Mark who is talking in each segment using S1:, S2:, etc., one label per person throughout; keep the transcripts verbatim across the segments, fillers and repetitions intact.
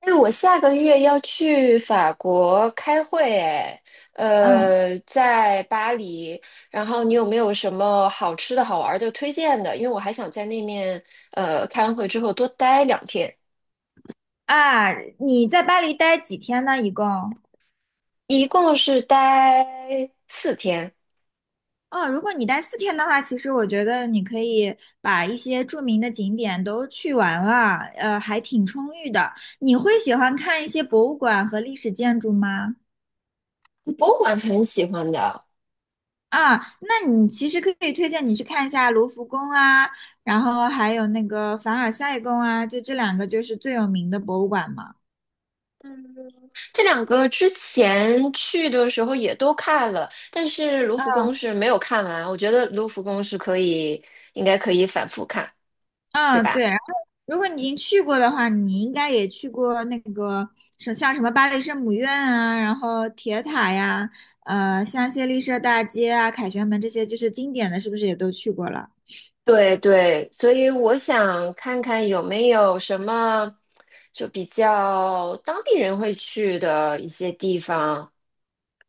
S1: 哎，我下个月要去法国开会，哎，
S2: 嗯
S1: 呃，在巴黎。然后你有没有什么好吃的好玩的推荐的？因为我还想在那面，呃，开完会之后多待两天，
S2: 啊，你在巴黎待几天呢？一共？
S1: 一共是待四天。
S2: 哦，如果你待四天的话，其实我觉得你可以把一些著名的景点都去完了，呃，还挺充裕的。你会喜欢看一些博物馆和历史建筑吗？
S1: 博物馆很喜欢的，
S2: 啊，那你其实可以推荐你去看一下卢浮宫啊，然后还有那个凡尔赛宫啊，就这两个就是最有名的博物馆嘛。
S1: 这两个之前去的时候也都看了，但是卢浮宫
S2: 嗯
S1: 是没有看完。我觉得卢浮宫是可以，应该可以反复看，是
S2: 嗯，对。
S1: 吧？
S2: 然后，如果你已经去过的话，你应该也去过那个什像什么巴黎圣母院啊，然后铁塔呀，呃，香榭丽舍大街啊，凯旋门这些就是经典的，是不是也都去过了？
S1: 对对，所以我想看看有没有什么就比较当地人会去的一些地方。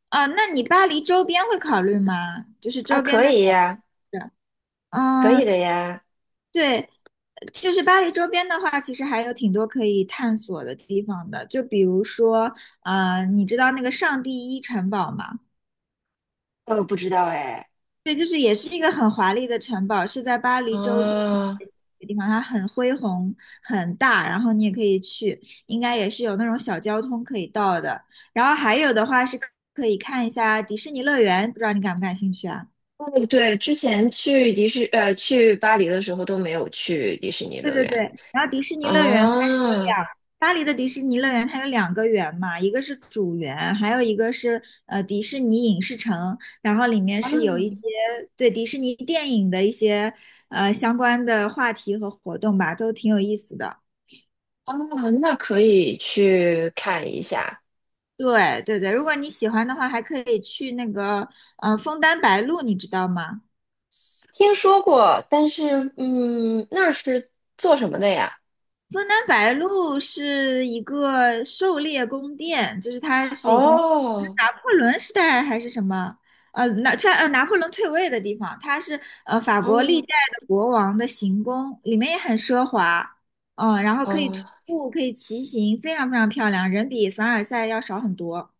S2: 啊，那你巴黎周边会考虑吗？就是
S1: 啊，
S2: 周边
S1: 可
S2: 的小
S1: 以呀，
S2: 镇。
S1: 可以
S2: 嗯，
S1: 的呀。
S2: 对，就是巴黎周边的话，其实还有挺多可以探索的地方的，就比如说，呃，你知道那个上帝一城堡吗？
S1: 呃，不知道哎。
S2: 对，就是也是一个很华丽的城堡，是在巴黎周边
S1: 哦，
S2: 一个地方，它很恢宏、很大，然后你也可以去，应该也是有那种小交通可以到的。然后还有的话是可以看一下迪士尼乐园，不知道你感不感兴趣啊？
S1: 对对，之前去迪士呃去巴黎的时候都没有去迪士尼
S2: 对
S1: 乐
S2: 对对，
S1: 园。
S2: 然后迪士尼乐园它是有
S1: 哦，
S2: 两，巴黎的迪士尼乐园它有两个园嘛，一个是主园，还有一个是呃迪士尼影视城，然后里面
S1: 啊
S2: 是有一些对迪士尼电影的一些呃相关的话题和活动吧，都挺有意思的。
S1: 哦，那可以去看一下。
S2: 对对对，如果你喜欢的话，还可以去那个呃枫丹白露，你知道吗？
S1: 听说过，但是嗯，那是做什么的呀？
S2: 枫丹白露是一个狩猎宫殿，就是它是以前
S1: 哦
S2: 拿破仑时代还是什么，呃，拿突然呃拿破仑退位的地方，它是呃法国历
S1: 哦，
S2: 代的国王的行宫，里面也很奢华，嗯，然后可以徒
S1: 哦，
S2: 步，可以骑行，非常非常漂亮，人比凡尔赛要少很多。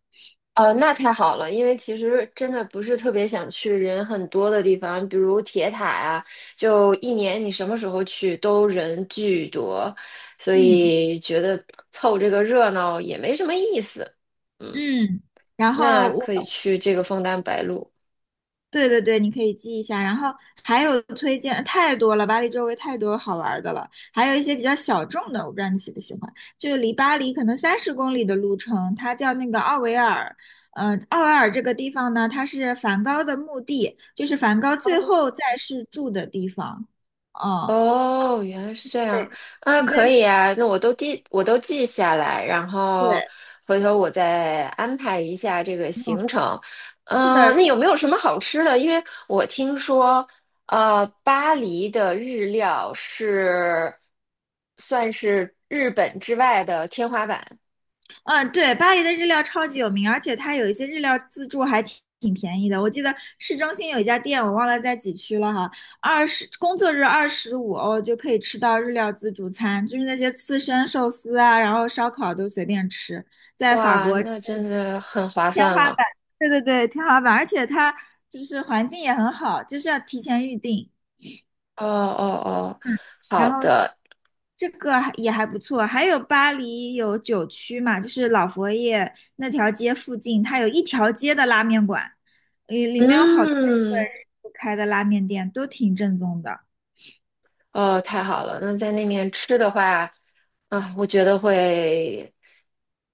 S1: 哦，那太好了，因为其实真的不是特别想去人很多的地方，比如铁塔呀，就一年你什么时候去都人巨多，所
S2: 嗯
S1: 以觉得凑这个热闹也没什么意思。嗯，
S2: 嗯，然
S1: 那
S2: 后我
S1: 可以去这个枫丹白露。
S2: 对对对，你可以记一下。然后还有推荐太多了，巴黎周围太多好玩儿的了，还有一些比较小众的，我不知道你喜不喜欢。就离巴黎可能三十公里的路程，它叫那个奥维尔。呃，奥维尔这个地方呢，它是梵高的墓地，就是梵高最后在世住的地方。哦，
S1: 哦，原来是这样
S2: 对，
S1: 啊，
S2: 你在
S1: 可以啊，那我都记，我都记下来，然后
S2: 对，
S1: 回头我再安排一下这个
S2: 嗯，
S1: 行程。
S2: 是
S1: 嗯、
S2: 的，
S1: 那有没有什么好吃的？因为我听说，呃，巴黎的日料是算是日本之外的天花板。
S2: 嗯，对，巴黎的日料超级有名，而且它有一些日料自助还挺挺便宜的。我记得市中心有一家店，我忘了在几区了哈，二十工作日二十五欧就可以吃到日料自助餐，就是那些刺身、寿司啊，然后烧烤都随便吃。在法
S1: 哇，
S2: 国真
S1: 那
S2: 的
S1: 真
S2: 是
S1: 的很划
S2: 天
S1: 算
S2: 花
S1: 了。
S2: 板，对对对，天花板，而且它就是环境也很好，就是要提前预定。
S1: 哦哦哦，
S2: 嗯，然
S1: 好
S2: 后
S1: 的，
S2: 这个还也还不错，还有巴黎有九区嘛，就是老佛爷那条街附近，它有一条街的拉面馆，里里面有好多日本
S1: 嗯。
S2: 师傅开的拉面店，都挺正宗的。
S1: 哦，太好了！那在那面吃的话，啊，我觉得会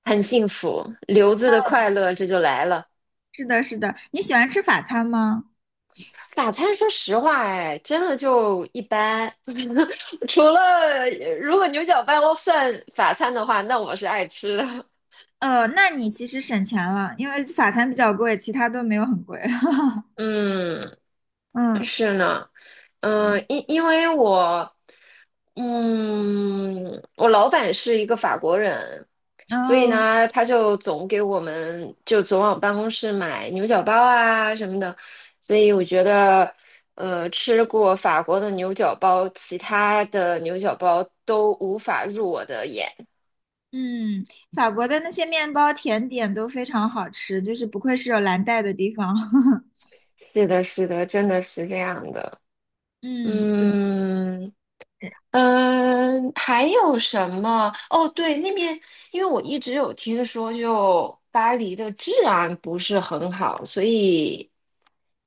S1: 很幸福，留子的快乐这就来了。
S2: 是的，是的，你喜欢吃法餐吗？
S1: 法餐，说实话，哎，真的就一般。除了呃如果牛角包算法餐的话，那我是爱吃的。
S2: 呃，那你其实省钱了，因为法餐比较贵，其他都没有很贵。
S1: 嗯，
S2: 嗯，
S1: 是呢，嗯，因因为我，嗯，我老板是一个法国人，所以
S2: 哦，
S1: 呢，他就总给我们就总往办公室买牛角包啊什么的，所以我觉得，呃，吃过法国的牛角包，其他的牛角包都无法入我的眼。
S2: 嗯，法国的那些面包甜点都非常好吃，就是不愧是有蓝带的地方。
S1: 是的，是的，真的是这样的。
S2: 嗯，对。
S1: 嗯嗯，还有什么？哦，对，那边因为我一直有听说，就巴黎的治安不是很好，所以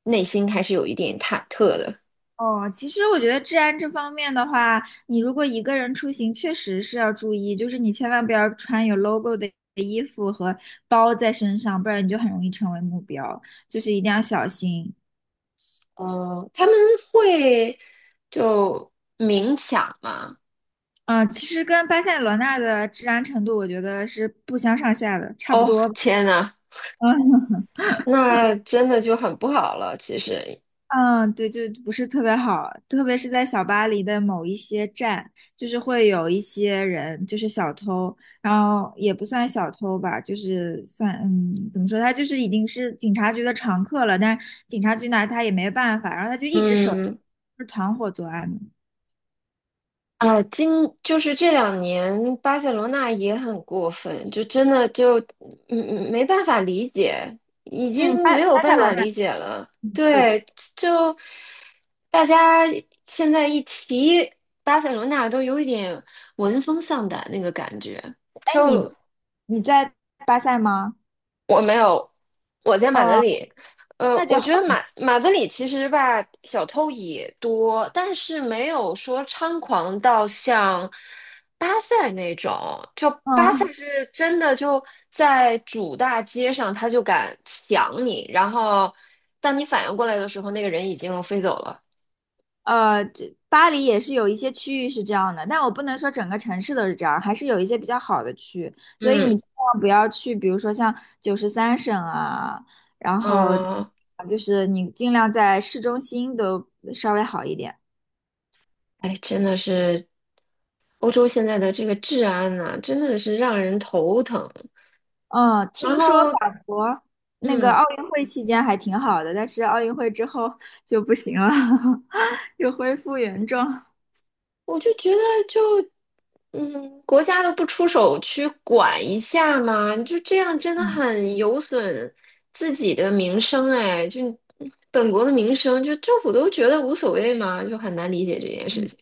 S1: 内心还是有一点忐忑的。
S2: 哦，其实我觉得治安这方面的话，你如果一个人出行，确实是要注意，就是你千万不要穿有 logo 的衣服和包在身上，不然你就很容易成为目标，就是一定要小心。
S1: 哦，他们会就明抢吗？
S2: 啊、其实跟巴塞罗那的治安程度，我觉得是不相上下的，差不
S1: 哦，
S2: 多吧。
S1: 天呐，
S2: 嗯
S1: 那真的就很不好了。其实，
S2: 嗯，对，就不是特别好，特别是在小巴黎的某一些站，就是会有一些人，就是小偷，然后也不算小偷吧，就是算，嗯，怎么说，他就是已经是警察局的常客了，但是警察局拿他也没办法，然后他就一直守着。
S1: 嗯，
S2: 是团伙作案的。
S1: 啊，今就是这两年巴塞罗那也很过分，就真的就嗯嗯没办法理解，已
S2: 嗯，
S1: 经
S2: 巴
S1: 没有
S2: 巴
S1: 办
S2: 塞罗
S1: 法
S2: 那，
S1: 理解了。
S2: 对的。
S1: 对，就大家现在一提巴塞罗那，都有一点闻风丧胆那个感觉。
S2: 哎，
S1: 就
S2: 你你在巴塞吗？
S1: 我没有，我在马德
S2: 哦，
S1: 里。呃，
S2: 那就
S1: 我
S2: 好，
S1: 觉得马马德里其实吧，小偷也多，但是没有说猖狂到像巴塞那种。就巴塞
S2: 嗯，
S1: 是真的就在主大街上，他就敢抢你，然后当你反应过来的时候，那个人已经飞走了。
S2: 呃，这巴黎也是有一些区域是这样的，但我不能说整个城市都是这样，还是有一些比较好的区。所以你
S1: 嗯
S2: 尽量不要去，比如说像九十三省啊，然后
S1: 嗯，
S2: 就是你尽量在市中心都稍微好一点。
S1: 哎，真的是欧洲现在的这个治安呐，真的是让人头疼。
S2: 嗯，
S1: 然
S2: 听说法
S1: 后。
S2: 国那个
S1: 嗯，
S2: 奥运会期间还挺好的，但是奥运会之后 就不行了，又恢复原状。
S1: 我就觉得就，嗯，国家都不出手去管一下嘛，就这样真的
S2: 嗯，
S1: 很有损自己的名声哎，就本
S2: 对。
S1: 国的名声，就政府都觉得无所谓嘛，就很难理解这件事
S2: 嗯。
S1: 情。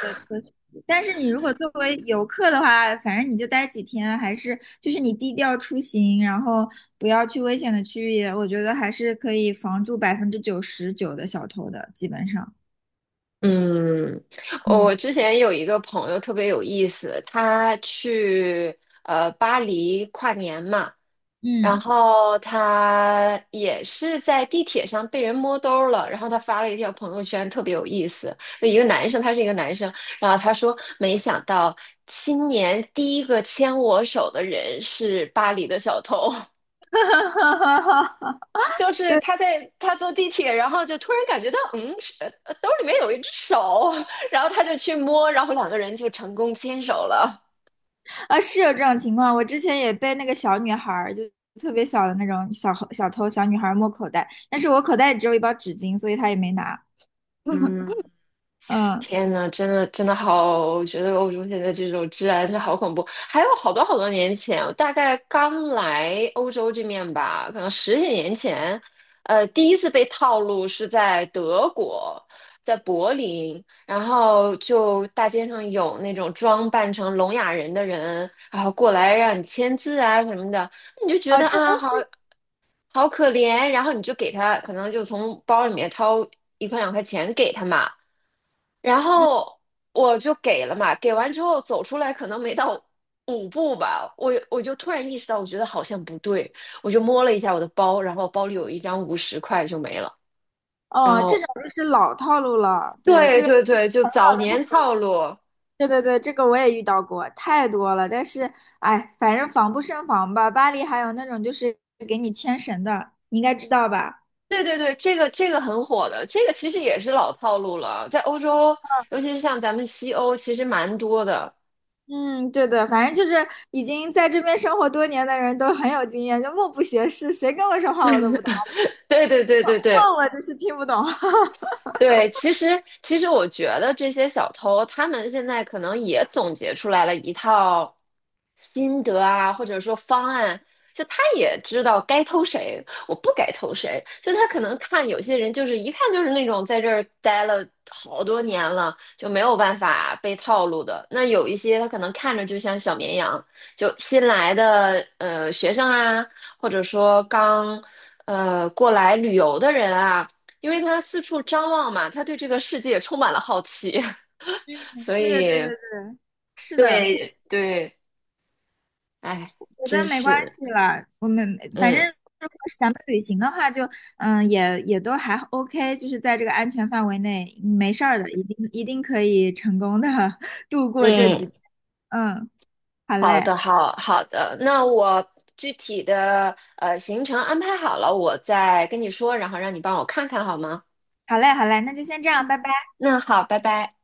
S2: 的车型。但是你如果作为游客的话，反正你就待几天，还是就是你低调出行，然后不要去危险的区域，我觉得还是可以防住百分之九十九的小偷的，基本上。
S1: 嗯，
S2: 嗯
S1: 我之前有一个朋友特别有意思，他去呃巴黎跨年嘛，然
S2: 嗯，
S1: 后他也是在地铁上被人摸兜儿了，然后他发了一条朋友圈，特别有意思。那一个男生，他是一个男生，然后他说："没想到今年第一个牵我手的人是巴黎的小偷。就是他在他坐地铁，然后就突然感觉到，嗯，是呃兜里面有一只手，然后他就去摸，然后两个人就成功牵手了。
S2: 啊，是有这种情况，我之前也被那个小女孩儿，就特别小的那种小小偷小女孩儿摸口袋，但是我口袋里只有一包纸巾，所以她也没拿。
S1: 嗯，
S2: 嗯，
S1: 天呐，真的真的好，我觉得欧洲现在这种治安是好恐怖。还有好多好多年前，我大概刚来欧洲这面吧，可能十几年前，呃，第一次被套路是在德国，在柏林，然后就大街上有那种装扮成聋哑人的人，然后过来让你签字啊什么的，你就觉
S2: 哦，
S1: 得
S2: 这
S1: 啊
S2: 都
S1: 好。
S2: 是，
S1: 好可怜。然后你就给他，可能就从包里面掏一块两块钱给他嘛。然
S2: 嗯，
S1: 后我就给了嘛，给完之后走出来，可能没到五步吧，我我就突然意识到，我觉得好像不对，我就摸了一下我的包，然后包里有一张五十块就没了。然
S2: 哦，这种
S1: 后，
S2: 就是老套路了，对，
S1: 对
S2: 这个
S1: 对对，就早年套路，
S2: 对对对，这个我也遇到过，太多了。但是，哎，反正防不胜防吧。巴黎还有那种就是给你牵绳的，你应该知道吧？
S1: 对对对，这个这个很火的，这个其实也是老套路了，在欧洲，尤其是像咱们西欧，其实蛮多的。
S2: 嗯，对对，反正就是已经在这边生活多年的人都很有经验，就目不斜视，谁跟我说话我都不懂，
S1: 对对对对对，
S2: 问我就是听不懂。
S1: 对，其实其实我觉得这些小偷，他们现在可能也总结出来了一套，心得啊，或者说方案，就他也知道该投谁，我不该投谁。就他可能看有些人，就是一看就是那种在这儿待了好多年了，就没有办法被套路的。那有一些他可能看着就像小绵羊，就新来的呃学生啊，或者说刚呃过来旅游的人啊，因为他四处张望嘛，他对这个世界充满了好奇，
S2: 嗯，
S1: 所
S2: 对对对对
S1: 以
S2: 对，是的，
S1: 对对，哎。
S2: 觉得
S1: 真
S2: 没关
S1: 是，
S2: 系啦，我们反正
S1: 嗯
S2: 如果是咱们旅行的话就，嗯，也也都还 OK,就是在这个安全范围内，嗯没事儿的，一定一定可以成功的 度过这
S1: 嗯，
S2: 几天。嗯，好
S1: 好
S2: 嘞，
S1: 的，好好的。那我具体的呃行程安排好了，我再跟你说，然后让你帮我看看好吗？
S2: 好嘞，好嘞，那就先这样，拜拜。
S1: 那好，拜拜。